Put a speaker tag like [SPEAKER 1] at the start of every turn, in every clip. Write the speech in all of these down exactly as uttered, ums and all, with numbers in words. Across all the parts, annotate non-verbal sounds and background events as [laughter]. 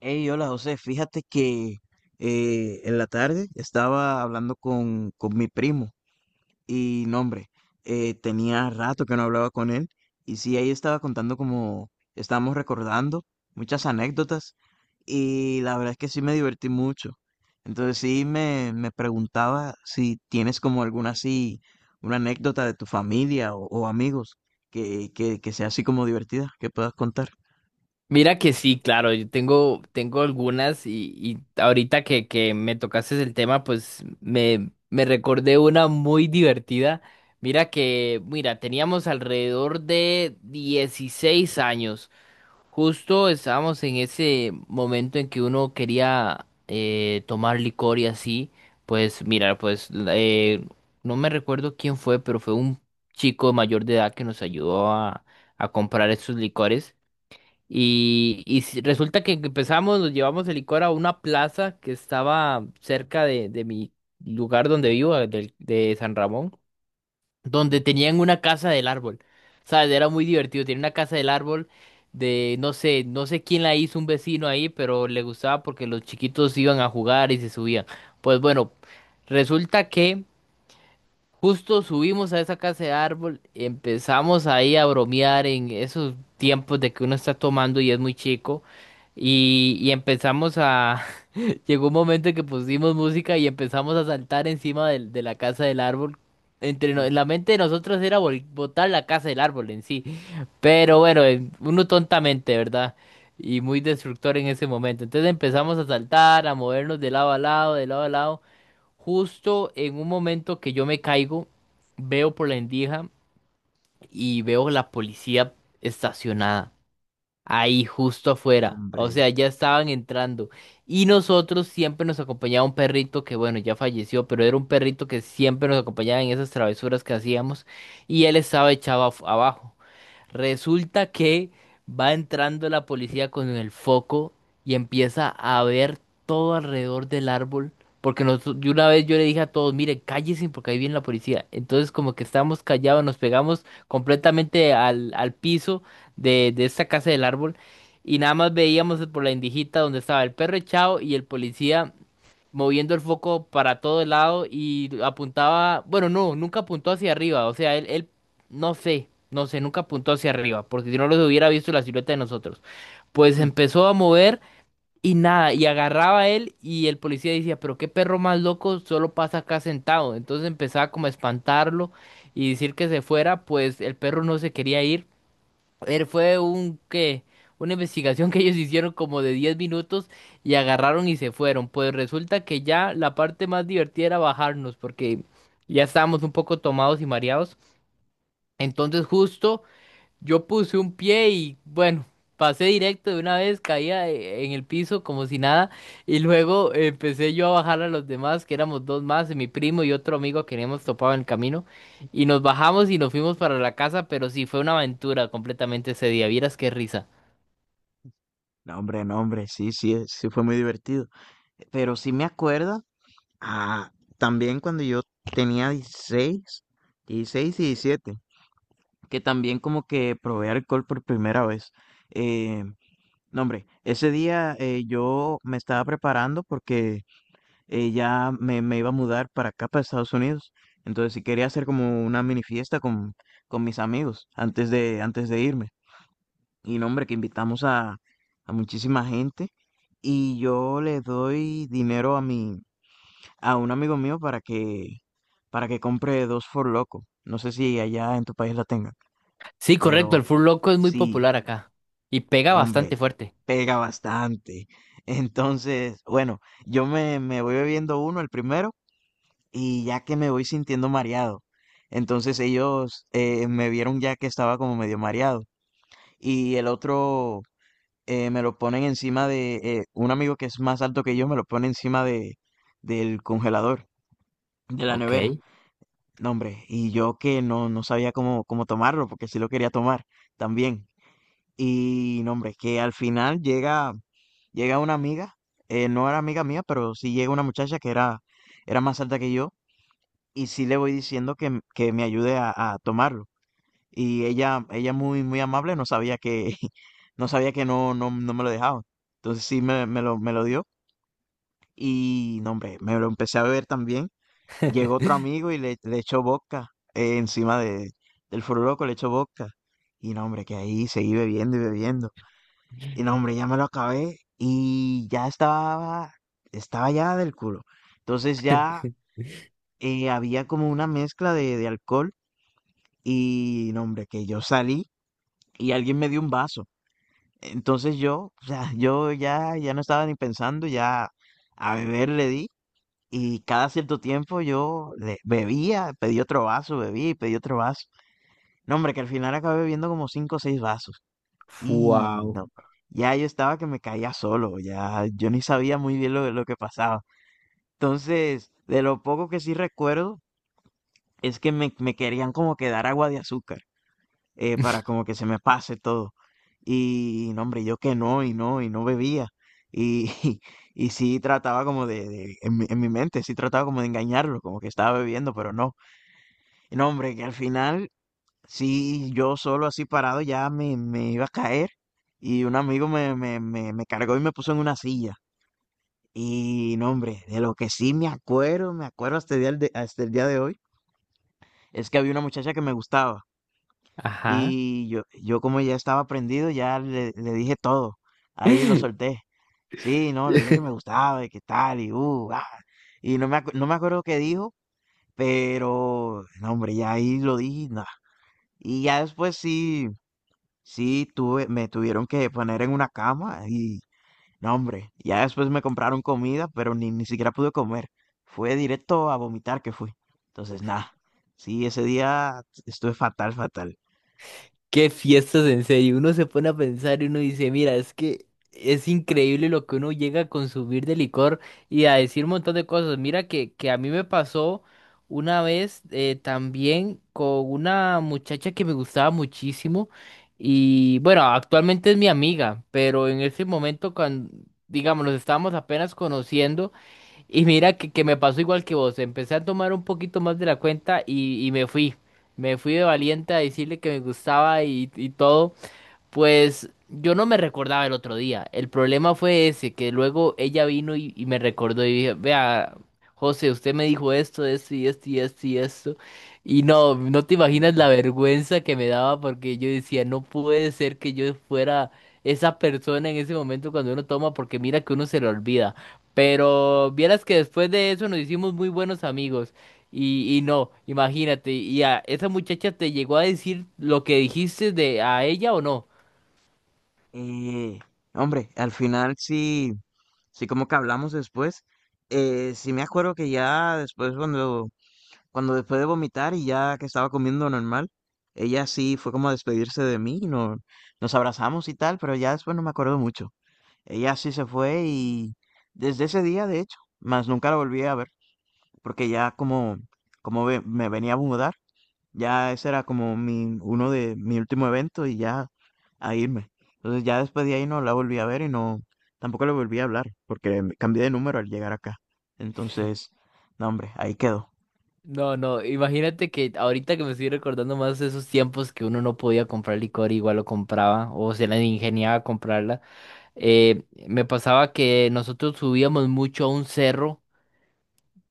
[SPEAKER 1] Hey, hola José, fíjate que eh, en la tarde estaba hablando con, con mi primo y no, hombre, eh, tenía rato que no hablaba con él y sí, ahí estaba contando como estábamos recordando muchas anécdotas y la verdad es que sí me divertí mucho. Entonces sí me, me preguntaba si tienes como alguna así, una anécdota de tu familia o, o amigos que, que, que sea así como divertida, que puedas contar.
[SPEAKER 2] Mira que sí, claro, yo tengo, tengo algunas y, y ahorita que, que me tocaste el tema, pues me, me recordé una muy divertida. Mira que, mira, teníamos alrededor de dieciséis años. Justo estábamos en ese momento en que uno quería eh, tomar licor y así. Pues mira, pues la- eh, no me recuerdo quién fue, pero fue un chico mayor de edad que nos ayudó a, a comprar estos licores. Y, y si- resulta que empezamos, nos llevamos el licor a una plaza que estaba cerca de, de mi lugar donde vivo, eh, del- de, San Ramón, donde
[SPEAKER 1] Sí,
[SPEAKER 2] tenían una casa del árbol. ¿Sabes? Era muy divertido. Tenía una casa del árbol de, no sé, no sé quién la hizo, un vecino ahí, pero le gustaba porque los chiquitos iban a jugar y se subían. Pues bueno, resulta que justo subimos a esa casa de árbol, empezamos ahí a bromear en esos tiempos de que uno está tomando y es muy chico. Y, y empezamos a... [laughs] Llegó un momento en que pusimos música y empezamos a saltar encima del- de, la casa del árbol. Entre no-
[SPEAKER 1] uf,
[SPEAKER 2] en la mente de nosotros era vol- botar la casa del árbol en sí. Pero bueno, eh, uno tontamente, ¿verdad? Y muy destructor en ese momento. Entonces empezamos a saltar, a movernos de lado a lado, de lado a lado. Justo en un momento que yo me caigo, veo por la endija y veo la policía estacionada ahí justo
[SPEAKER 1] no,
[SPEAKER 2] afuera. O
[SPEAKER 1] hombre.
[SPEAKER 2] sea, ya estaban entrando. Y nosotros siempre nos acompañaba un perrito que, bueno, ya falleció, pero era un perrito que siempre nos acompañaba en esas travesuras que hacíamos y él estaba echado af- abajo. Resulta que va entrando la policía con el foco y empieza a ver todo alrededor del árbol. Porque nosotros, yo una vez yo le dije a todos, miren, cállense porque ahí viene la policía. Entonces como que estábamos callados, nos pegamos completamente al, al piso de, de esta casa del árbol y nada más veíamos por la indijita donde estaba el perro echado y el policía moviendo el foco para todo el lado y apuntaba, bueno, no, nunca apuntó hacia arriba, o sea, él, él, no sé, no sé, nunca apuntó hacia arriba, porque si no los hubiera visto la silueta de nosotros. Pues
[SPEAKER 1] [laughs]
[SPEAKER 2] empezó a mover y nada, y agarraba a él y el policía decía, pero qué perro más loco, solo pasa acá sentado. Entonces empezaba como a espantarlo y decir que se fuera, pues el perro no se quería ir. Él fue un que Una investigación que ellos hicieron como de diez minutos y agarraron y se fueron. Pues resulta que ya la parte más divertida era bajarnos porque ya estábamos un poco tomados y mareados. Entonces justo yo puse un pie y bueno, pasé directo de una vez, caía eh, en el piso como si nada y luego empecé yo a bajar a los demás, que éramos dos más, mi primo y otro amigo que habíamos topado en el camino y nos bajamos y nos fuimos para la casa, pero sí fue una aventura completamente ese día, vieras qué risa.
[SPEAKER 1] No, hombre, no, hombre, sí, sí, eh, sí fue muy divertido. Pero sí me acuerdo, ah, también cuando yo tenía dieciséis dieciséis y diecisiete que también como que probé alcohol por primera vez. Eh, no, hombre, ese día eh, yo me estaba preparando porque eh, ya me, me iba a mudar para acá, para Estados Unidos. Entonces sí quería hacer como una mini fiesta con, con mis amigos antes de, antes de irme. Y no, hombre, que invitamos a, a muchísima gente. Y yo le doy dinero a mi, a un amigo mío para que, para que compre dos For Loco. No sé si allá en tu país la tengan,
[SPEAKER 2] Sí, correcto, el
[SPEAKER 1] pero
[SPEAKER 2] fur loco es muy
[SPEAKER 1] sí,
[SPEAKER 2] popular acá y pega
[SPEAKER 1] no, hombre,
[SPEAKER 2] bastante fuerte.
[SPEAKER 1] pega bastante. [laughs] Entonces, bueno, yo me, me voy bebiendo uno, el primero, y ya que me voy sintiendo mareado. Entonces ellos eh, me vieron ya que estaba como medio mareado. Y el otro eh, me lo ponen encima de eh, un amigo que es más alto que yo, me lo pone encima de del congelador, de la nevera.
[SPEAKER 2] Ok.
[SPEAKER 1] No, hombre, y yo que no, no sabía cómo, cómo tomarlo, porque sí lo quería tomar también. Y no, hombre, que al final llega, llega una amiga, eh, no era amiga mía, pero sí llega una muchacha que era, era más alta que yo, y sí le voy diciendo que, m- que me ayude a, a tomarlo. Y ella, ella muy, muy amable, no sabía que, [laughs] no sabía que no, no, no me lo dejaba. Entonces sí me, me lo, me lo dio. Y no, hombre, me lo empecé a beber también. Llegó otro amigo y le, le echó vodka eh, encima de, del Foro Loco, le echó vodka. Y no, hombre, que ahí seguí bebiendo y bebiendo. Y no, hombre, ya me lo acabé y ya estaba, estaba ya del culo. Entonces ya eh, había como una mezcla de, de alcohol y no, hombre, que yo salí y alguien me dio un vaso. Entonces yo, o sea, yo ya, ya no estaba ni pensando, ya a beber le di y cada cierto tiempo yo le- bebía, pedí otro vaso, bebía y pedí otro vaso. No, hombre, que al final acabé bebiendo como cinco o seis vasos. Y
[SPEAKER 2] Wow.
[SPEAKER 1] no, ya yo estaba que me caía solo, ya yo ni sabía muy bien lo, lo que pasaba. Entonces, de lo poco que sí recuerdo es que me, me querían como que dar agua de azúcar eh, para como que se me pase todo. Y no, hombre, yo que no, y no, y no bebía. Y, [laughs] y, sí trataba como de, de- en mi, en mi mente, sí trataba como de engañarlo, como que estaba bebiendo, pero no. Y no, hombre, que al final, sí, yo solo así parado ya me, me iba a caer. Y un amigo me, me, me, me cargó y me puso en una silla. Y no, hombre, de lo que sí me acuerdo, me acuerdo hasta el día de- hasta el día de hoy, es que había una muchacha que me gustaba.
[SPEAKER 2] Ajá.
[SPEAKER 1] Y yo, yo como ya estaba prendido, ya le, le dije todo. Ahí lo
[SPEAKER 2] [laughs]
[SPEAKER 1] solté. Sí, no, le dije que me gustaba y que tal, y uh, ah. Y no me, acu- no me acuerdo qué dijo, pero, no, hombre, ya ahí lo dije, y nada. Y ya después sí, sí, tuve, me tuvieron que poner en una cama y, no, hombre, ya después me compraron comida, pero ni, ni siquiera pude comer. Fue directo a vomitar que fui. Entonces, nada, sí, ese día estuve fatal, fatal,
[SPEAKER 2] Qué fiestas, en serio. Uno se pone a pensar y uno dice, mira, es que es increíble lo que uno llega a consumir de licor y a decir un montón de cosas. Mira que, que a mí me pasó una vez eh, también con una muchacha que me gustaba muchísimo y bueno, actualmente es mi amiga, pero en ese momento cuando, digamos, nos estábamos apenas conociendo. Y mira que, que me pasó igual que vos, empecé a tomar un poquito más de la cuenta y, y me fui, me fui de valiente a decirle que me gustaba y, y todo, pues yo no me recordaba el otro día. El problema fue ese, que luego ella vino y, y me recordó y dije, vea, José, usted me dijo esto, esto y esto y esto y esto. Y no, no te imaginas la
[SPEAKER 1] hombre.
[SPEAKER 2] vergüenza que me daba porque yo decía, no puede ser que yo fuera esa persona en ese momento cuando uno toma, porque mira que uno se lo olvida. Pero vieras que después de eso nos hicimos muy buenos amigos. Y, y no, imagínate, ¿y a esa muchacha te llegó a decir lo que dijiste de a ella o no?
[SPEAKER 1] Eh, hombre, al final sí, sí como que hablamos después. Eh, sí me acuerdo que ya después cuando, cuando después de vomitar y ya que estaba comiendo normal, ella sí fue como a despedirse de mí, no, nos abrazamos y tal, pero ya después no me acuerdo mucho. Ella sí se fue y desde ese día, de hecho, más nunca la volví a ver, porque ya como, como ve- me venía a mudar, ya ese era como mi, uno de mi último evento y ya a irme. Entonces ya después de ahí no la volví a ver y no, tampoco le volví a hablar, porque me cambié de número al llegar acá. Entonces, no hombre, ahí quedó.
[SPEAKER 2] No, no, imagínate que ahorita que me estoy recordando más de esos tiempos que uno no podía comprar licor, igual lo compraba o se la ingeniaba a comprarla. Eh, me pasaba que nosotros subíamos mucho a un cerro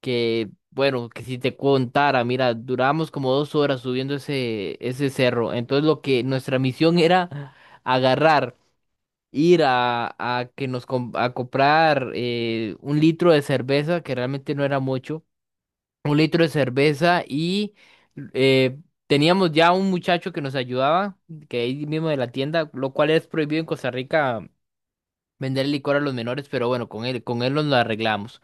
[SPEAKER 2] que, bueno, que si te contara, mira, durábamos como dos horas subiendo ese, ese cerro. Entonces lo que nuestra misión era agarrar, ir a, a que nos com- a comprar eh, un litro de cerveza, que realmente no era mucho, un litro de cerveza y eh, teníamos ya un muchacho que nos ayudaba, que ahí mismo de la tienda, lo cual es prohibido en Costa Rica vender licor a los menores, pero bueno, con él, con él nos lo arreglamos.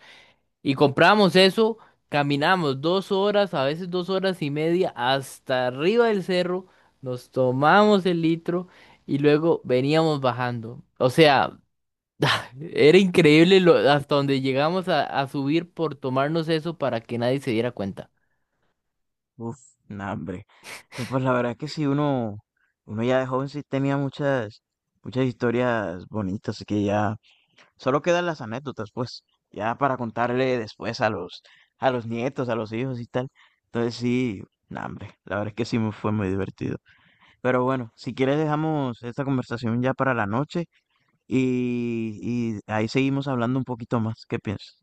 [SPEAKER 2] Y compramos eso, caminamos dos horas, a veces dos horas y media, hasta arriba del cerro, nos tomamos el litro y luego veníamos bajando. O sea, era increíble lo, hasta donde llegamos a a subir por tomarnos eso para que nadie se diera cuenta.
[SPEAKER 1] Uf, no hombre. No, pues la verdad es que sí, uno, uno ya de joven sí tenía muchas, muchas historias bonitas, que ya solo quedan las anécdotas, pues, ya para contarle después a los, a los, nietos, a los hijos y tal. Entonces sí, no hombre, la verdad es que sí me fue muy divertido. Pero bueno, si quieres dejamos esta conversación ya para la noche y, y ahí seguimos hablando un poquito más. ¿Qué piensas?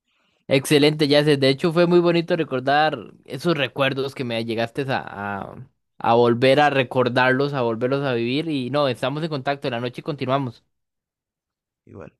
[SPEAKER 2] Excelente, Yacel. De hecho, fue muy bonito recordar esos recuerdos que me llegaste a, a, a volver a recordarlos, a volverlos a vivir. Y no, estamos en contacto. En la noche continuamos.
[SPEAKER 1] Igual.